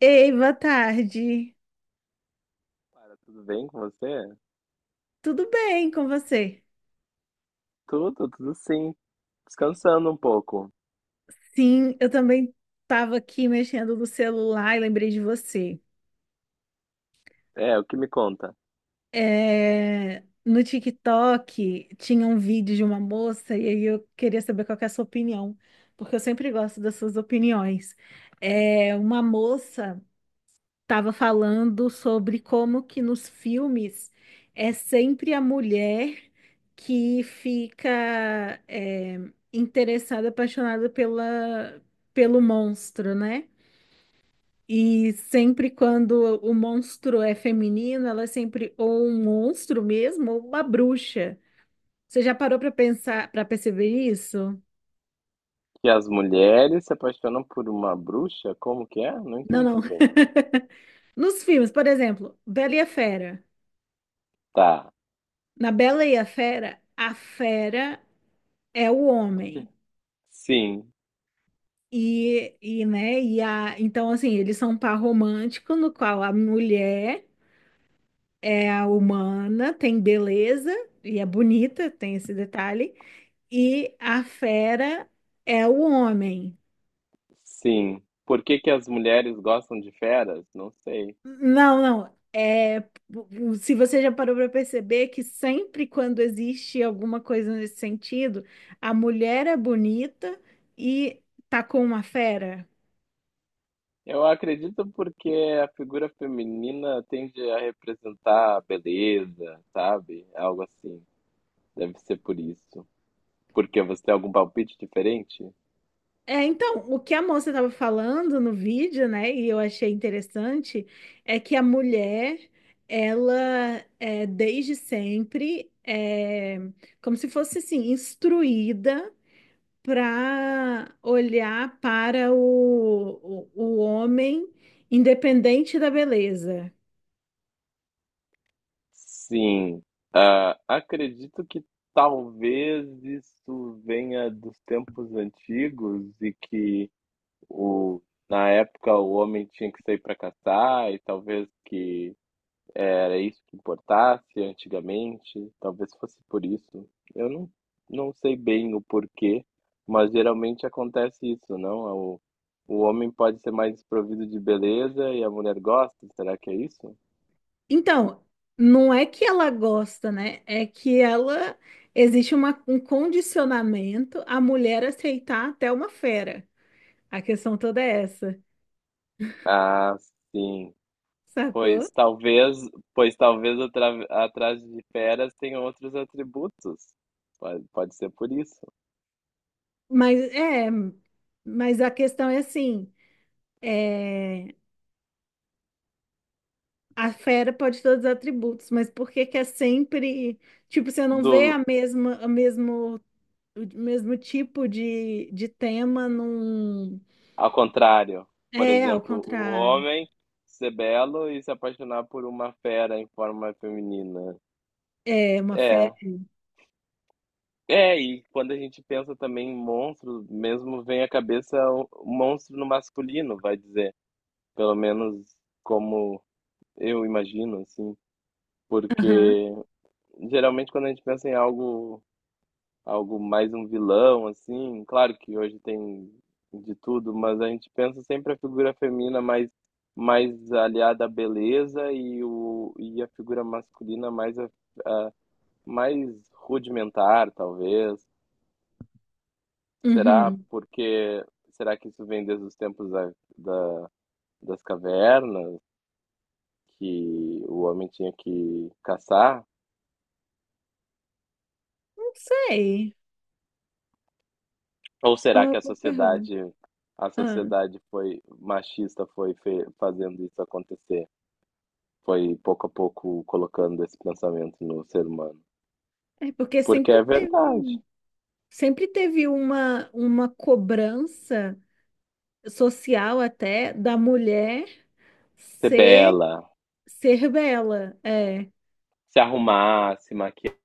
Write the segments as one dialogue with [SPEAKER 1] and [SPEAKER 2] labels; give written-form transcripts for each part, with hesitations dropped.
[SPEAKER 1] Ei, boa tarde.
[SPEAKER 2] Para, tudo bem com você?
[SPEAKER 1] Tudo bem com você?
[SPEAKER 2] Tudo sim. Descansando um pouco.
[SPEAKER 1] Sim, eu também estava aqui mexendo no celular e lembrei de você.
[SPEAKER 2] É, o que me conta?
[SPEAKER 1] É, no TikTok tinha um vídeo de uma moça e aí eu queria saber qual que é a sua opinião, porque eu sempre gosto das suas opiniões. É, uma moça estava falando sobre como que nos filmes é sempre a mulher que fica é, interessada, apaixonada pelo monstro, né? E sempre quando o monstro é feminino, ela é sempre ou um monstro mesmo, ou uma bruxa. Você já parou para pensar, para perceber isso?
[SPEAKER 2] Que as mulheres se apaixonam por uma bruxa? Como que é? Não
[SPEAKER 1] Não, não.
[SPEAKER 2] entendi bem.
[SPEAKER 1] Nos filmes, por exemplo, Bela e a Fera.
[SPEAKER 2] Tá.
[SPEAKER 1] Na Bela e a fera é o homem.
[SPEAKER 2] Sim,
[SPEAKER 1] Né, então, assim, eles são um par romântico no qual a mulher é a humana, tem beleza e é bonita, tem esse detalhe, e a fera é o homem.
[SPEAKER 2] sim. Por que que as mulheres gostam de feras? Não sei.
[SPEAKER 1] Não, não, é, se você já parou para perceber que sempre quando existe alguma coisa nesse sentido, a mulher é bonita e tá com uma fera.
[SPEAKER 2] Eu acredito porque a figura feminina tende a representar a beleza, sabe? Algo assim. Deve ser por isso. Porque você tem algum palpite diferente?
[SPEAKER 1] É, então, o que a moça estava falando no vídeo, né, e eu achei interessante, é que a mulher, ela é desde sempre é como se fosse assim, instruída para olhar para o homem independente da beleza.
[SPEAKER 2] Sim. Ah, acredito que talvez isso venha dos tempos antigos e que o, na época o homem tinha que sair para caçar e talvez que era isso que importasse antigamente, talvez fosse por isso. Eu não, Não sei bem o porquê, mas geralmente acontece isso, não? O homem pode ser mais desprovido de beleza e a mulher gosta, será que é isso?
[SPEAKER 1] Então, não é que ela gosta, né? É que ela existe um condicionamento à mulher aceitar até uma fera. A questão toda é essa,
[SPEAKER 2] Ah, sim.
[SPEAKER 1] sacou?
[SPEAKER 2] Pois talvez, pois talvez atrás de feras tenha outros atributos, pode ser por isso.
[SPEAKER 1] Mas é, mas a questão é assim, é, a fera pode ter todos os atributos, mas por que que é sempre, tipo, você não vê
[SPEAKER 2] Do,
[SPEAKER 1] a mesma, a mesmo, o mesmo tipo de tema num,
[SPEAKER 2] Ao contrário, por
[SPEAKER 1] é, ao
[SPEAKER 2] exemplo, o
[SPEAKER 1] contrário.
[SPEAKER 2] homem ser belo e se apaixonar por uma fera em forma feminina.
[SPEAKER 1] É uma fera.
[SPEAKER 2] É. É, e quando a gente pensa também em monstro, mesmo vem à cabeça o monstro no masculino, vai dizer. Pelo menos como eu imagino, assim.
[SPEAKER 1] Aham.
[SPEAKER 2] Porque geralmente quando a gente pensa em algo mais um vilão, assim. Claro que hoje tem de tudo, mas a gente pensa sempre a figura feminina mais, mais aliada à beleza e e a figura masculina mais, a- mais rudimentar, talvez. Será
[SPEAKER 1] Uhum.
[SPEAKER 2] porque será que isso vem desde os tempos da- das cavernas, que o homem tinha que caçar?
[SPEAKER 1] Não sei.
[SPEAKER 2] Ou
[SPEAKER 1] É
[SPEAKER 2] será
[SPEAKER 1] uma
[SPEAKER 2] que
[SPEAKER 1] boa pergunta.
[SPEAKER 2] a
[SPEAKER 1] Ah,
[SPEAKER 2] sociedade foi machista, foi fazendo isso acontecer? Foi pouco a pouco colocando esse pensamento no ser humano.
[SPEAKER 1] é porque
[SPEAKER 2] Porque é verdade.
[SPEAKER 1] sempre teve uma cobrança social até da mulher
[SPEAKER 2] Ser
[SPEAKER 1] ser
[SPEAKER 2] bela,
[SPEAKER 1] ser bela. É.
[SPEAKER 2] se arrumar, se maquiar,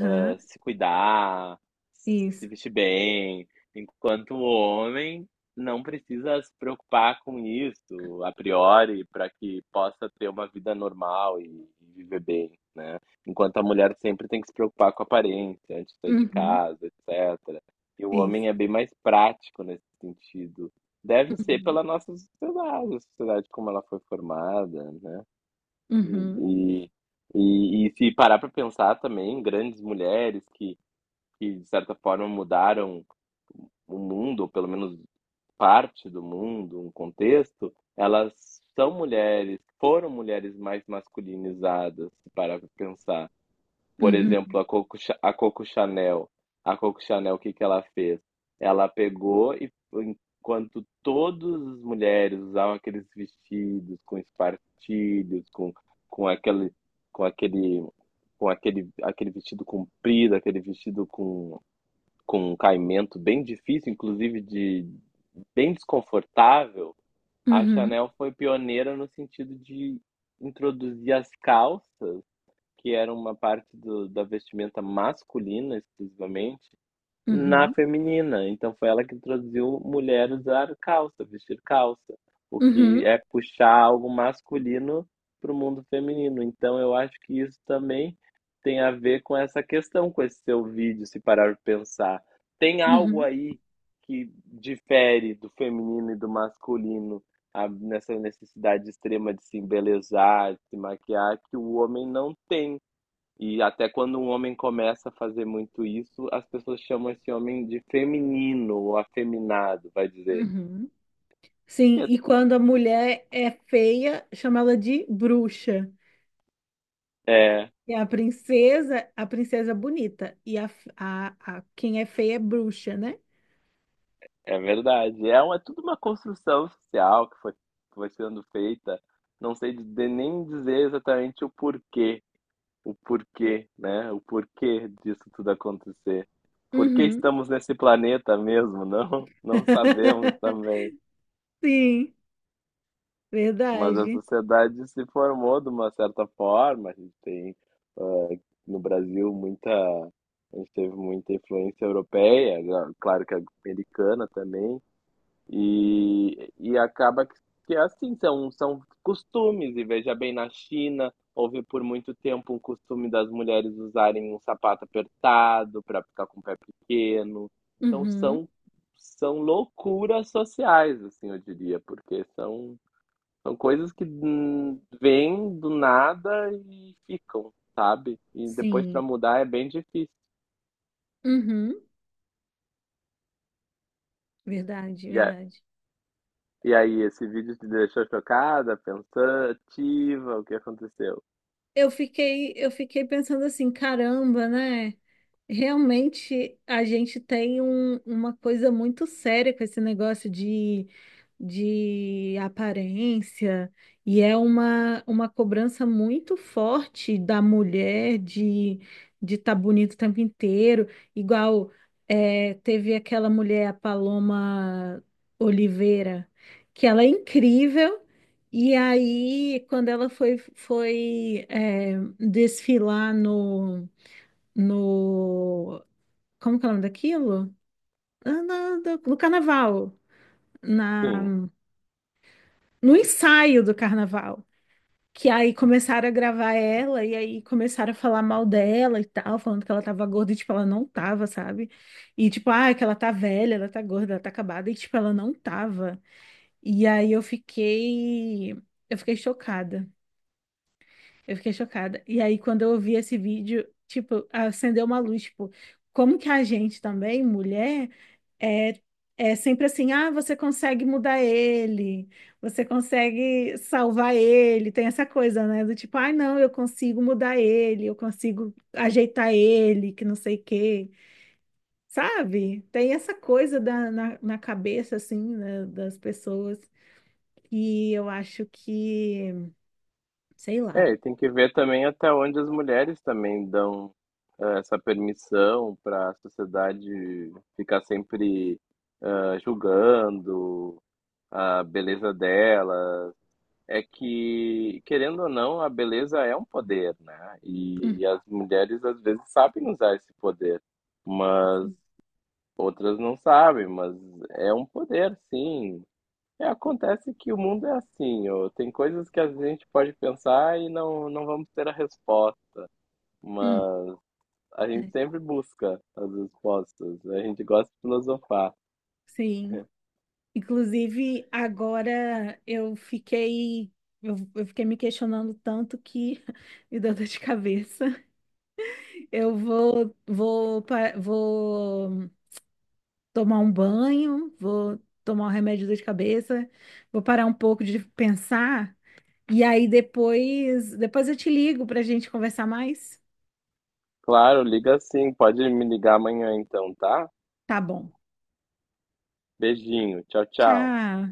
[SPEAKER 2] ah, se cuidar, se
[SPEAKER 1] Isso.
[SPEAKER 2] vestir bem, enquanto o homem não precisa se preocupar com isso a priori para que possa ter uma vida normal e viver bem, né? Enquanto a mulher sempre tem que se preocupar com a aparência antes de sair de
[SPEAKER 1] Uhum.
[SPEAKER 2] casa, etc. E o
[SPEAKER 1] Isso.
[SPEAKER 2] homem é bem mais prático nesse sentido. Deve ser pela nossa sociedade, a sociedade como ela foi formada, né?
[SPEAKER 1] Uhum.
[SPEAKER 2] E, e se parar para pensar também, grandes mulheres que de certa forma, mudaram o mundo, ou pelo menos parte do mundo, um contexto, elas são mulheres, foram mulheres mais masculinizadas, se parar para pensar. Por
[SPEAKER 1] Uhum.
[SPEAKER 2] exemplo, a a Coco Chanel. A Coco Chanel, o que que ela fez? Ela pegou e, enquanto todas as mulheres usavam aqueles vestidos com espartilhos, com aquele, com aquele, com aquele vestido comprido, aquele vestido com um caimento bem difícil, inclusive de bem desconfortável, a
[SPEAKER 1] Uhum.
[SPEAKER 2] Chanel foi pioneira no sentido de introduzir as calças que era uma parte da vestimenta masculina exclusivamente na
[SPEAKER 1] Uhum. Uhum.
[SPEAKER 2] feminina. Então foi ela que introduziu mulher usar calça, vestir calça, o que
[SPEAKER 1] Uhum.
[SPEAKER 2] é puxar algo masculino para o mundo feminino. Então eu acho que isso também tem a ver com essa questão, com esse seu vídeo, se parar para pensar. Tem algo
[SPEAKER 1] Uhum.
[SPEAKER 2] aí que difere do feminino e do masculino nessa necessidade extrema de se embelezar, de se maquiar, que o homem não tem. E até quando um homem começa a fazer muito isso, as pessoas chamam esse homem de feminino ou afeminado, vai dizer.
[SPEAKER 1] Uhum. Sim, e quando a mulher é feia, chama ela de bruxa.
[SPEAKER 2] É,
[SPEAKER 1] E a princesa é bonita. Quem é feia é bruxa, né?
[SPEAKER 2] é verdade. É tudo uma construção social que foi sendo feita. Não sei de, nem dizer exatamente o porquê, né? O porquê disso tudo acontecer. Por que
[SPEAKER 1] Uhum.
[SPEAKER 2] estamos nesse planeta mesmo? Não, não sabemos também.
[SPEAKER 1] Sim,
[SPEAKER 2] Mas a
[SPEAKER 1] verdade.
[SPEAKER 2] sociedade se formou de uma certa forma. A gente tem, ah, no Brasil, muita. A gente teve muita influência europeia, já- claro que americana também, e acaba que é assim, são costumes. E veja bem, na China, houve por muito tempo um costume das mulheres usarem um sapato apertado para ficar com o pé pequeno. Então,
[SPEAKER 1] Uhum.
[SPEAKER 2] são loucuras sociais, assim, eu diria, porque são coisas que vêm do nada e ficam, sabe? E depois
[SPEAKER 1] Sim.
[SPEAKER 2] pra mudar é bem difícil.
[SPEAKER 1] Uhum, verdade,
[SPEAKER 2] E, a-
[SPEAKER 1] verdade.
[SPEAKER 2] e aí, esse vídeo te deixou chocada, pensativa, o que aconteceu?
[SPEAKER 1] Eu fiquei pensando assim, caramba, né? Realmente, a gente tem um- uma coisa muito séria com esse negócio de aparência, e é uma cobrança muito forte da mulher de estar bonito o tempo inteiro. Igual é, teve aquela mulher, a Paloma Oliveira, que ela é incrível, e aí, quando ela foi, foi é, desfilar no. No, como que é o nome daquilo? Ah, no carnaval.
[SPEAKER 2] Sim.
[SPEAKER 1] Na, no ensaio do carnaval. Que aí começaram a gravar ela e aí começaram a falar mal dela e tal, falando que ela tava gorda e, tipo, ela não tava, sabe? E, tipo, ah, que ela tá velha, ela tá gorda, ela tá acabada e, tipo, ela não tava. E aí eu fiquei. Eu fiquei chocada. Eu fiquei chocada. E aí quando eu ouvi esse vídeo, tipo, acendeu uma luz, tipo, como que a gente também, mulher. É, é sempre assim, ah, você consegue mudar ele, você consegue salvar ele, tem essa coisa, né? Do tipo, ai, não, eu consigo mudar ele, eu consigo ajeitar ele, que não sei o quê, sabe? Tem essa coisa na cabeça, assim, né, das pessoas, que eu acho que, sei lá.
[SPEAKER 2] É, e tem que ver também até onde as mulheres também dão essa permissão para a sociedade ficar sempre ah, julgando a beleza dela, é que, querendo ou não, a beleza é um poder, né?
[SPEAKER 1] Hum,
[SPEAKER 2] E as mulheres às vezes sabem usar esse poder, mas outras não sabem, mas é um poder, sim. É, acontece que o mundo é assim, ó, tem coisas que a gente pode pensar e não, não vamos ter a resposta,
[SPEAKER 1] hum,
[SPEAKER 2] mas a gente
[SPEAKER 1] é,
[SPEAKER 2] sempre busca as respostas, a gente gosta de filosofar.
[SPEAKER 1] sim. Inclusive, agora eu fiquei, eu fiquei me questionando tanto que me deu dor de cabeça. Eu vou tomar um banho, vou tomar um remédio de dor de cabeça, vou parar um pouco de pensar e aí depois eu te ligo para a gente conversar mais.
[SPEAKER 2] Claro, liga sim, pode me ligar amanhã então, tá?
[SPEAKER 1] Tá bom.
[SPEAKER 2] Beijinho, tchau, tchau.
[SPEAKER 1] Tchau.